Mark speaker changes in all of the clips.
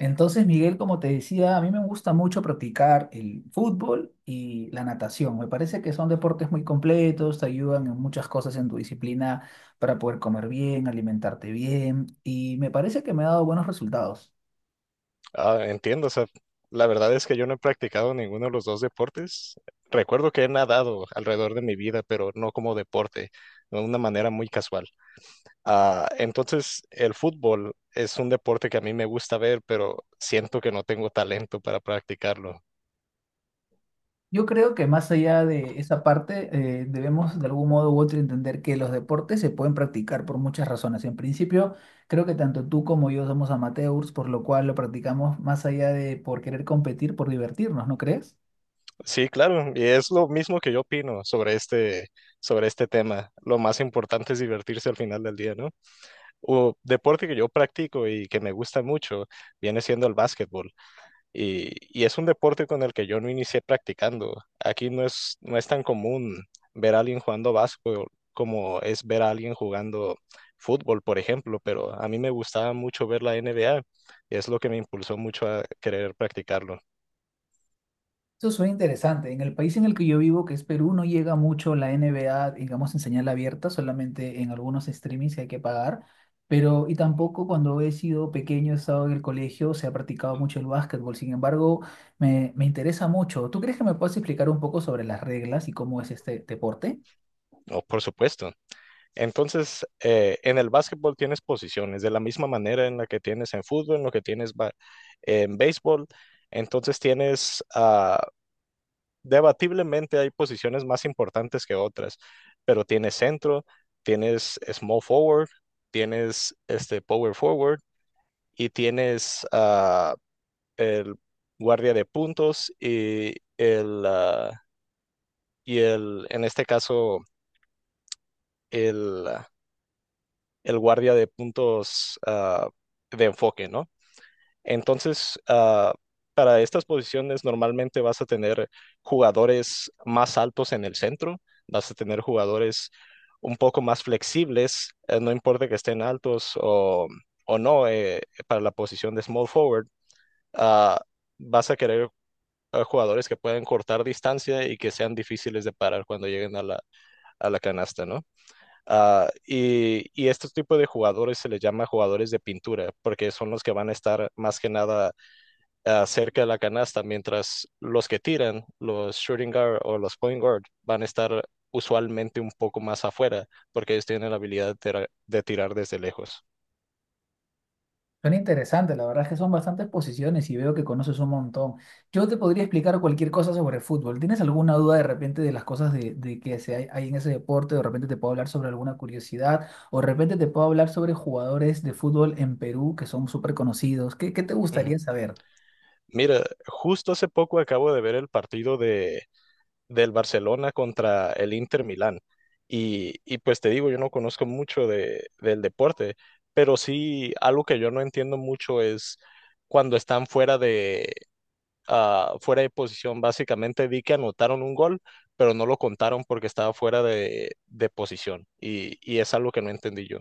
Speaker 1: Entonces, Miguel, como te decía, a mí me gusta mucho practicar el fútbol y la natación. Me parece que son deportes muy completos, te ayudan en muchas cosas en tu disciplina para poder comer bien, alimentarte bien y me parece que me ha dado buenos resultados.
Speaker 2: Entiendo, o sea, la verdad es que yo no he practicado ninguno de los dos deportes. Recuerdo que he nadado alrededor de mi vida, pero no como deporte, de una manera muy casual. Entonces, el fútbol es un deporte que a mí me gusta ver, pero siento que no tengo talento para practicarlo.
Speaker 1: Yo creo que más allá de esa parte, debemos de algún modo u otro entender que los deportes se pueden practicar por muchas razones. En principio, creo que tanto tú como yo somos amateurs, por lo cual lo practicamos más allá de por querer competir, por divertirnos, ¿no crees?
Speaker 2: Sí, claro, y es lo mismo que yo opino sobre este tema. Lo más importante es divertirse al final del día, ¿no? O deporte que yo practico y que me gusta mucho viene siendo el básquetbol. Y es un deporte con el que yo no inicié practicando. Aquí no es tan común ver a alguien jugando básquetbol como es ver a alguien jugando fútbol, por ejemplo, pero a mí me gustaba mucho ver la NBA y es lo que me impulsó mucho a querer practicarlo.
Speaker 1: Eso suena interesante. En el país en el que yo vivo, que es Perú, no llega mucho la NBA, digamos, en señal abierta, solamente en algunos streamings que hay que pagar. Pero, y tampoco cuando he sido pequeño, he estado en el colegio, se ha practicado mucho el básquetbol. Sin embargo, me interesa mucho. ¿Tú crees que me puedes explicar un poco sobre las reglas y cómo es este deporte?
Speaker 2: Oh, por supuesto. Entonces, en el básquetbol tienes posiciones, de la misma manera en la que tienes en fútbol, en lo que en béisbol. Entonces tienes, debatiblemente hay posiciones más importantes que otras, pero tienes centro, tienes small forward, tienes este power forward y tienes, el guardia de puntos y el, en este caso, el, ah, el guardia de puntos de enfoque, ¿no? Entonces, para estas posiciones normalmente vas a tener jugadores más altos en el centro, vas a tener jugadores un poco más flexibles, no importa que estén altos o no, para la posición de small forward, ah, vas a querer jugadores que puedan cortar distancia y que sean difíciles de parar cuando lleguen a a la canasta, ¿no? Y este tipo de jugadores se les llama jugadores de pintura, porque son los que van a estar más que nada, cerca de la canasta, mientras los que tiran, los shooting guard o los point guard, van a estar usualmente un poco más afuera, porque ellos tienen la habilidad de tirar desde lejos.
Speaker 1: Son interesantes, la verdad es que son bastantes posiciones y veo que conoces un montón. Yo te podría explicar cualquier cosa sobre fútbol. ¿Tienes alguna duda de repente de las cosas de que hay en ese deporte? ¿O de repente te puedo hablar sobre alguna curiosidad? ¿O de repente te puedo hablar sobre jugadores de fútbol en Perú que son súper conocidos? ¿Qué te
Speaker 2: Ujú.
Speaker 1: gustaría saber?
Speaker 2: Mira, justo hace poco acabo de ver el del Barcelona contra el Inter Milán. Y pues te digo, yo no conozco del deporte, pero sí algo que yo no entiendo mucho es cuando están fuera de posición. Básicamente vi que anotaron un gol, pero no lo contaron porque estaba de posición. Y es algo que no entendí yo.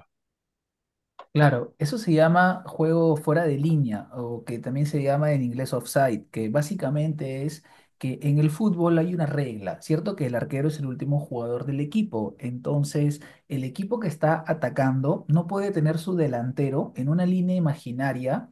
Speaker 1: Claro, eso se llama juego fuera de línea o que también se llama en inglés offside, que básicamente es que en el fútbol hay una regla, ¿cierto? Que el arquero es el último jugador del equipo, entonces el equipo que está atacando no puede tener su delantero en una línea imaginaria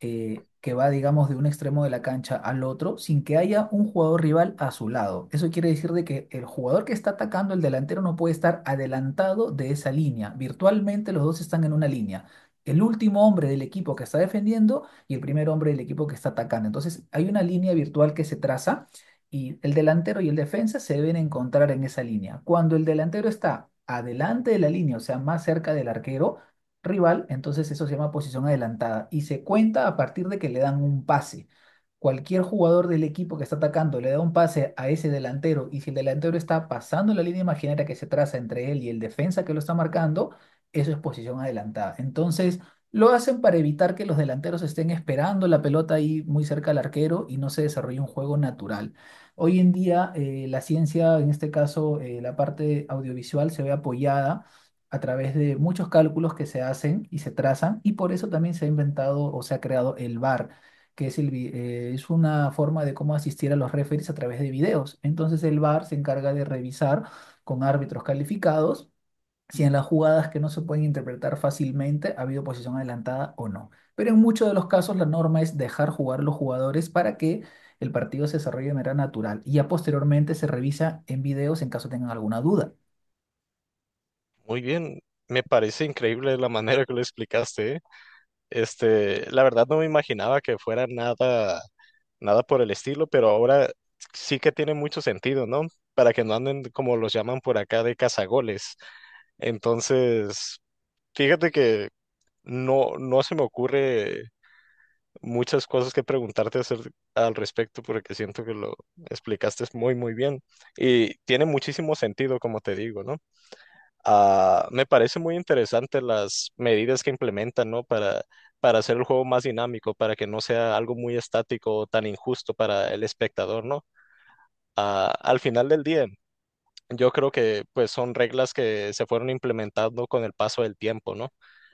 Speaker 1: que va, digamos, de un extremo de la cancha al otro sin que haya un jugador rival a su lado. Eso quiere decir de que el jugador que está atacando, el delantero, no puede estar adelantado de esa línea. Virtualmente los dos están en una línea. El último hombre del equipo que está defendiendo y el primer hombre del equipo que está atacando. Entonces, hay una línea virtual que se traza y el delantero y el defensa se deben encontrar en esa línea. Cuando el delantero está adelante de la línea, o sea, más cerca del arquero, rival, entonces eso se llama posición adelantada y se cuenta a partir de que le dan un pase. Cualquier jugador del equipo que está atacando le da un pase a ese delantero y si el delantero está pasando la línea imaginaria que se traza entre él y el defensa que lo está marcando, eso es posición adelantada. Entonces lo hacen para evitar que los delanteros estén esperando la pelota ahí muy cerca al arquero y no se desarrolle un juego natural. Hoy en día la ciencia, en este caso la parte audiovisual, se ve apoyada a través de muchos cálculos que se hacen y se trazan, y por eso también se ha inventado o se ha creado el VAR, que es, es una forma de cómo asistir a los referees a través de videos. Entonces el VAR se encarga de revisar con árbitros calificados si en las jugadas que no se pueden interpretar fácilmente ha habido posición adelantada o no. Pero en muchos de los casos la norma es dejar jugar a los jugadores para que el partido se desarrolle de manera natural y ya posteriormente se revisa en videos en caso tengan alguna duda.
Speaker 2: Muy bien, me parece increíble la manera que lo explicaste, ¿eh? Este, la verdad no me imaginaba que fuera nada por el estilo, pero ahora sí que tiene mucho sentido, ¿no? Para que no anden como los llaman por acá de cazagoles. Entonces, fíjate que no se me ocurre muchas cosas que al respecto porque siento que lo explicaste muy, muy bien y tiene muchísimo sentido, como te digo, ¿no? Me parece muy interesante las medidas que implementan, ¿no? Para hacer el juego más dinámico, para que no sea algo muy estático o tan injusto para el espectador, ¿no? Al final del día, yo creo que pues son reglas que se fueron implementando con el paso del tiempo, ¿no?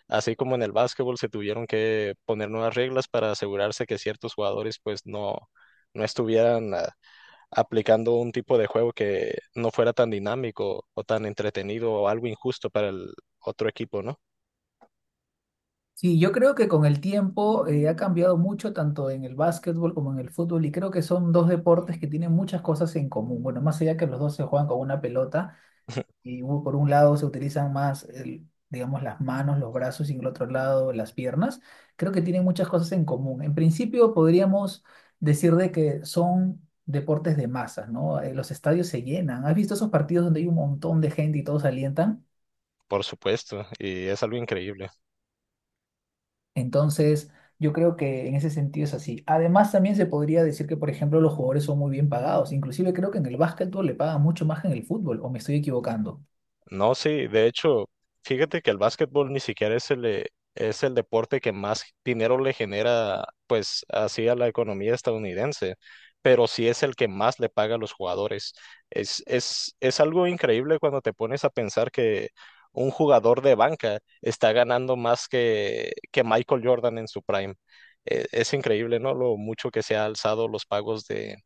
Speaker 2: Así como en el básquetbol se tuvieron que poner nuevas reglas para asegurarse que ciertos jugadores pues no estuvieran, aplicando un tipo de juego que no fuera tan dinámico o tan entretenido o algo injusto para el otro equipo, ¿no?
Speaker 1: Sí, yo creo que con el tiempo ha cambiado mucho tanto en el básquetbol como en el fútbol y creo que son dos deportes que tienen muchas cosas en común. Bueno, más allá que los dos se juegan con una pelota y por un lado se utilizan más, digamos, las manos, los brazos y en el otro lado las piernas, creo que tienen muchas cosas en común. En principio podríamos decir de que son deportes de masas, ¿no? Los estadios se llenan. ¿Has visto esos partidos donde hay un montón de gente y todos alientan?
Speaker 2: Por supuesto, y es algo increíble.
Speaker 1: Entonces, yo creo que en ese sentido es así. Además, también se podría decir que, por ejemplo, los jugadores son muy bien pagados. Inclusive creo que en el básquetbol le pagan mucho más que en el fútbol, o me estoy equivocando.
Speaker 2: No, sí, de hecho, fíjate que el básquetbol ni siquiera es es el deporte que más dinero le genera, pues, así a la economía estadounidense, pero sí es el que más le paga a los jugadores. Es algo increíble cuando te pones a pensar que un jugador de banca está ganando más que Michael Jordan en su prime. Es increíble, ¿no? Lo mucho que se ha alzado los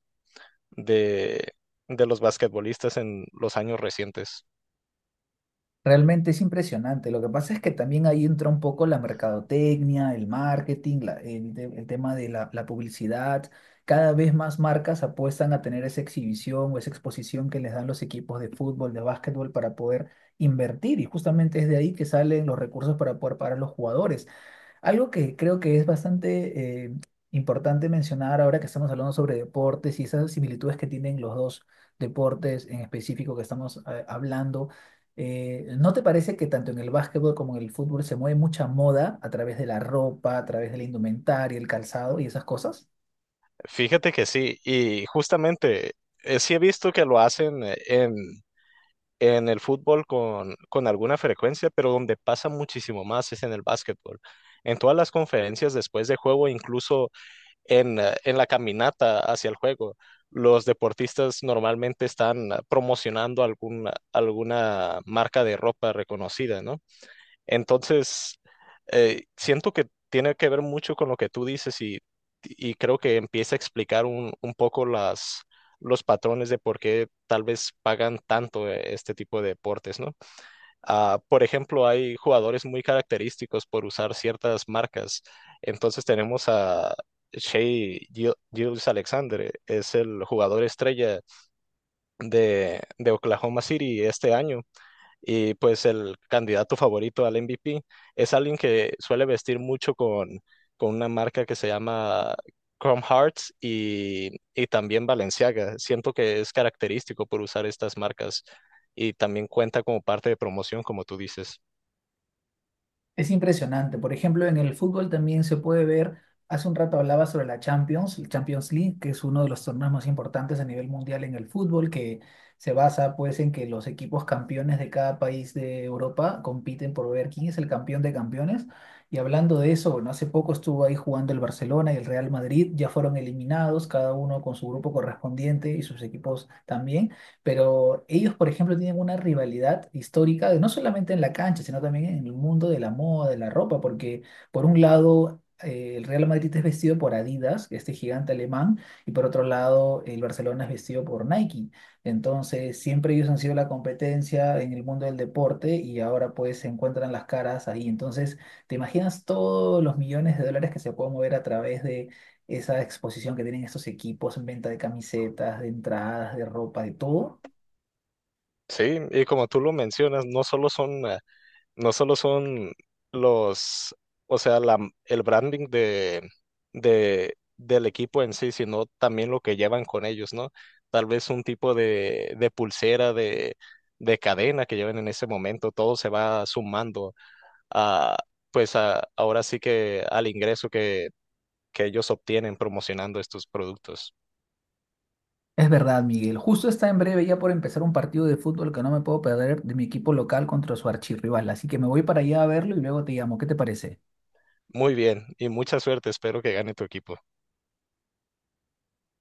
Speaker 2: de, de los basquetbolistas en los años recientes.
Speaker 1: Realmente es impresionante. Lo que pasa es que también ahí entra un poco la mercadotecnia, el marketing, el tema de la publicidad. Cada vez más marcas apuestan a tener esa exhibición o esa exposición que les dan los equipos de fútbol, de básquetbol, para poder invertir. Y justamente es de ahí que salen los recursos para poder pagar a los jugadores. Algo que creo que es bastante importante mencionar ahora que estamos hablando sobre deportes y esas similitudes que tienen los dos deportes en específico que estamos hablando, ¿no te parece que tanto en el básquetbol como en el fútbol se mueve mucha moda a través de la ropa, a través de la indumentaria, el calzado y esas cosas?
Speaker 2: Fíjate que sí, y justamente sí he visto que lo hacen en el fútbol con alguna frecuencia, pero donde pasa muchísimo más es en el básquetbol. En todas las conferencias después de juego, incluso en la caminata hacia el juego, los deportistas normalmente están promocionando alguna marca de ropa reconocida, ¿no? Entonces, siento que tiene que ver mucho con lo que tú dices y creo que empieza a explicar un poco los patrones de por qué tal vez pagan tanto este tipo de deportes, ¿no? Ah, por ejemplo, hay jugadores muy característicos por usar ciertas marcas. Entonces tenemos a Gilgeous-Alexander, es el jugador estrella de Oklahoma City este año y pues el candidato favorito al MVP es alguien que suele vestir mucho con una marca que se llama Chrome Hearts y también Balenciaga. Siento que es característico por usar estas marcas y también cuenta como parte de promoción, como tú dices.
Speaker 1: Es impresionante. Por ejemplo, en el fútbol también se puede ver, hace un rato hablaba sobre la Champions, el Champions League, que es uno de los torneos más importantes a nivel mundial en el fútbol, que se basa pues en que los equipos campeones de cada país de Europa compiten por ver quién es el campeón de campeones. Y hablando de eso, bueno, hace poco estuvo ahí jugando el Barcelona y el Real Madrid, ya fueron eliminados, cada uno con su grupo correspondiente y sus equipos también. Pero ellos, por ejemplo, tienen una rivalidad histórica, no solamente en la cancha, sino también en el mundo de la moda, de la ropa, porque por un lado el Real Madrid es vestido por Adidas, este gigante alemán, y por otro lado el Barcelona es vestido por Nike. Entonces, siempre ellos han sido la competencia en el mundo del deporte y ahora pues se encuentran las caras ahí. Entonces, ¿te imaginas todos los millones de dólares que se pueden mover a través de esa exposición que tienen estos equipos en venta de camisetas, de entradas, de ropa, de todo?
Speaker 2: Sí, y como tú lo mencionas, no solo son los, o sea, la, el branding del equipo en sí, sino también lo que llevan con ellos, ¿no? Tal vez un de pulsera, de cadena que lleven en ese momento, todo se va sumando a, pues a, ahora sí que al ingreso que ellos obtienen promocionando estos productos.
Speaker 1: Es verdad, Miguel. Justo está en breve ya por empezar un partido de fútbol que no me puedo perder de mi equipo local contra su archirrival. Así que me voy para allá a verlo y luego te llamo. ¿Qué te parece?
Speaker 2: Muy bien y mucha suerte, espero que gane tu equipo.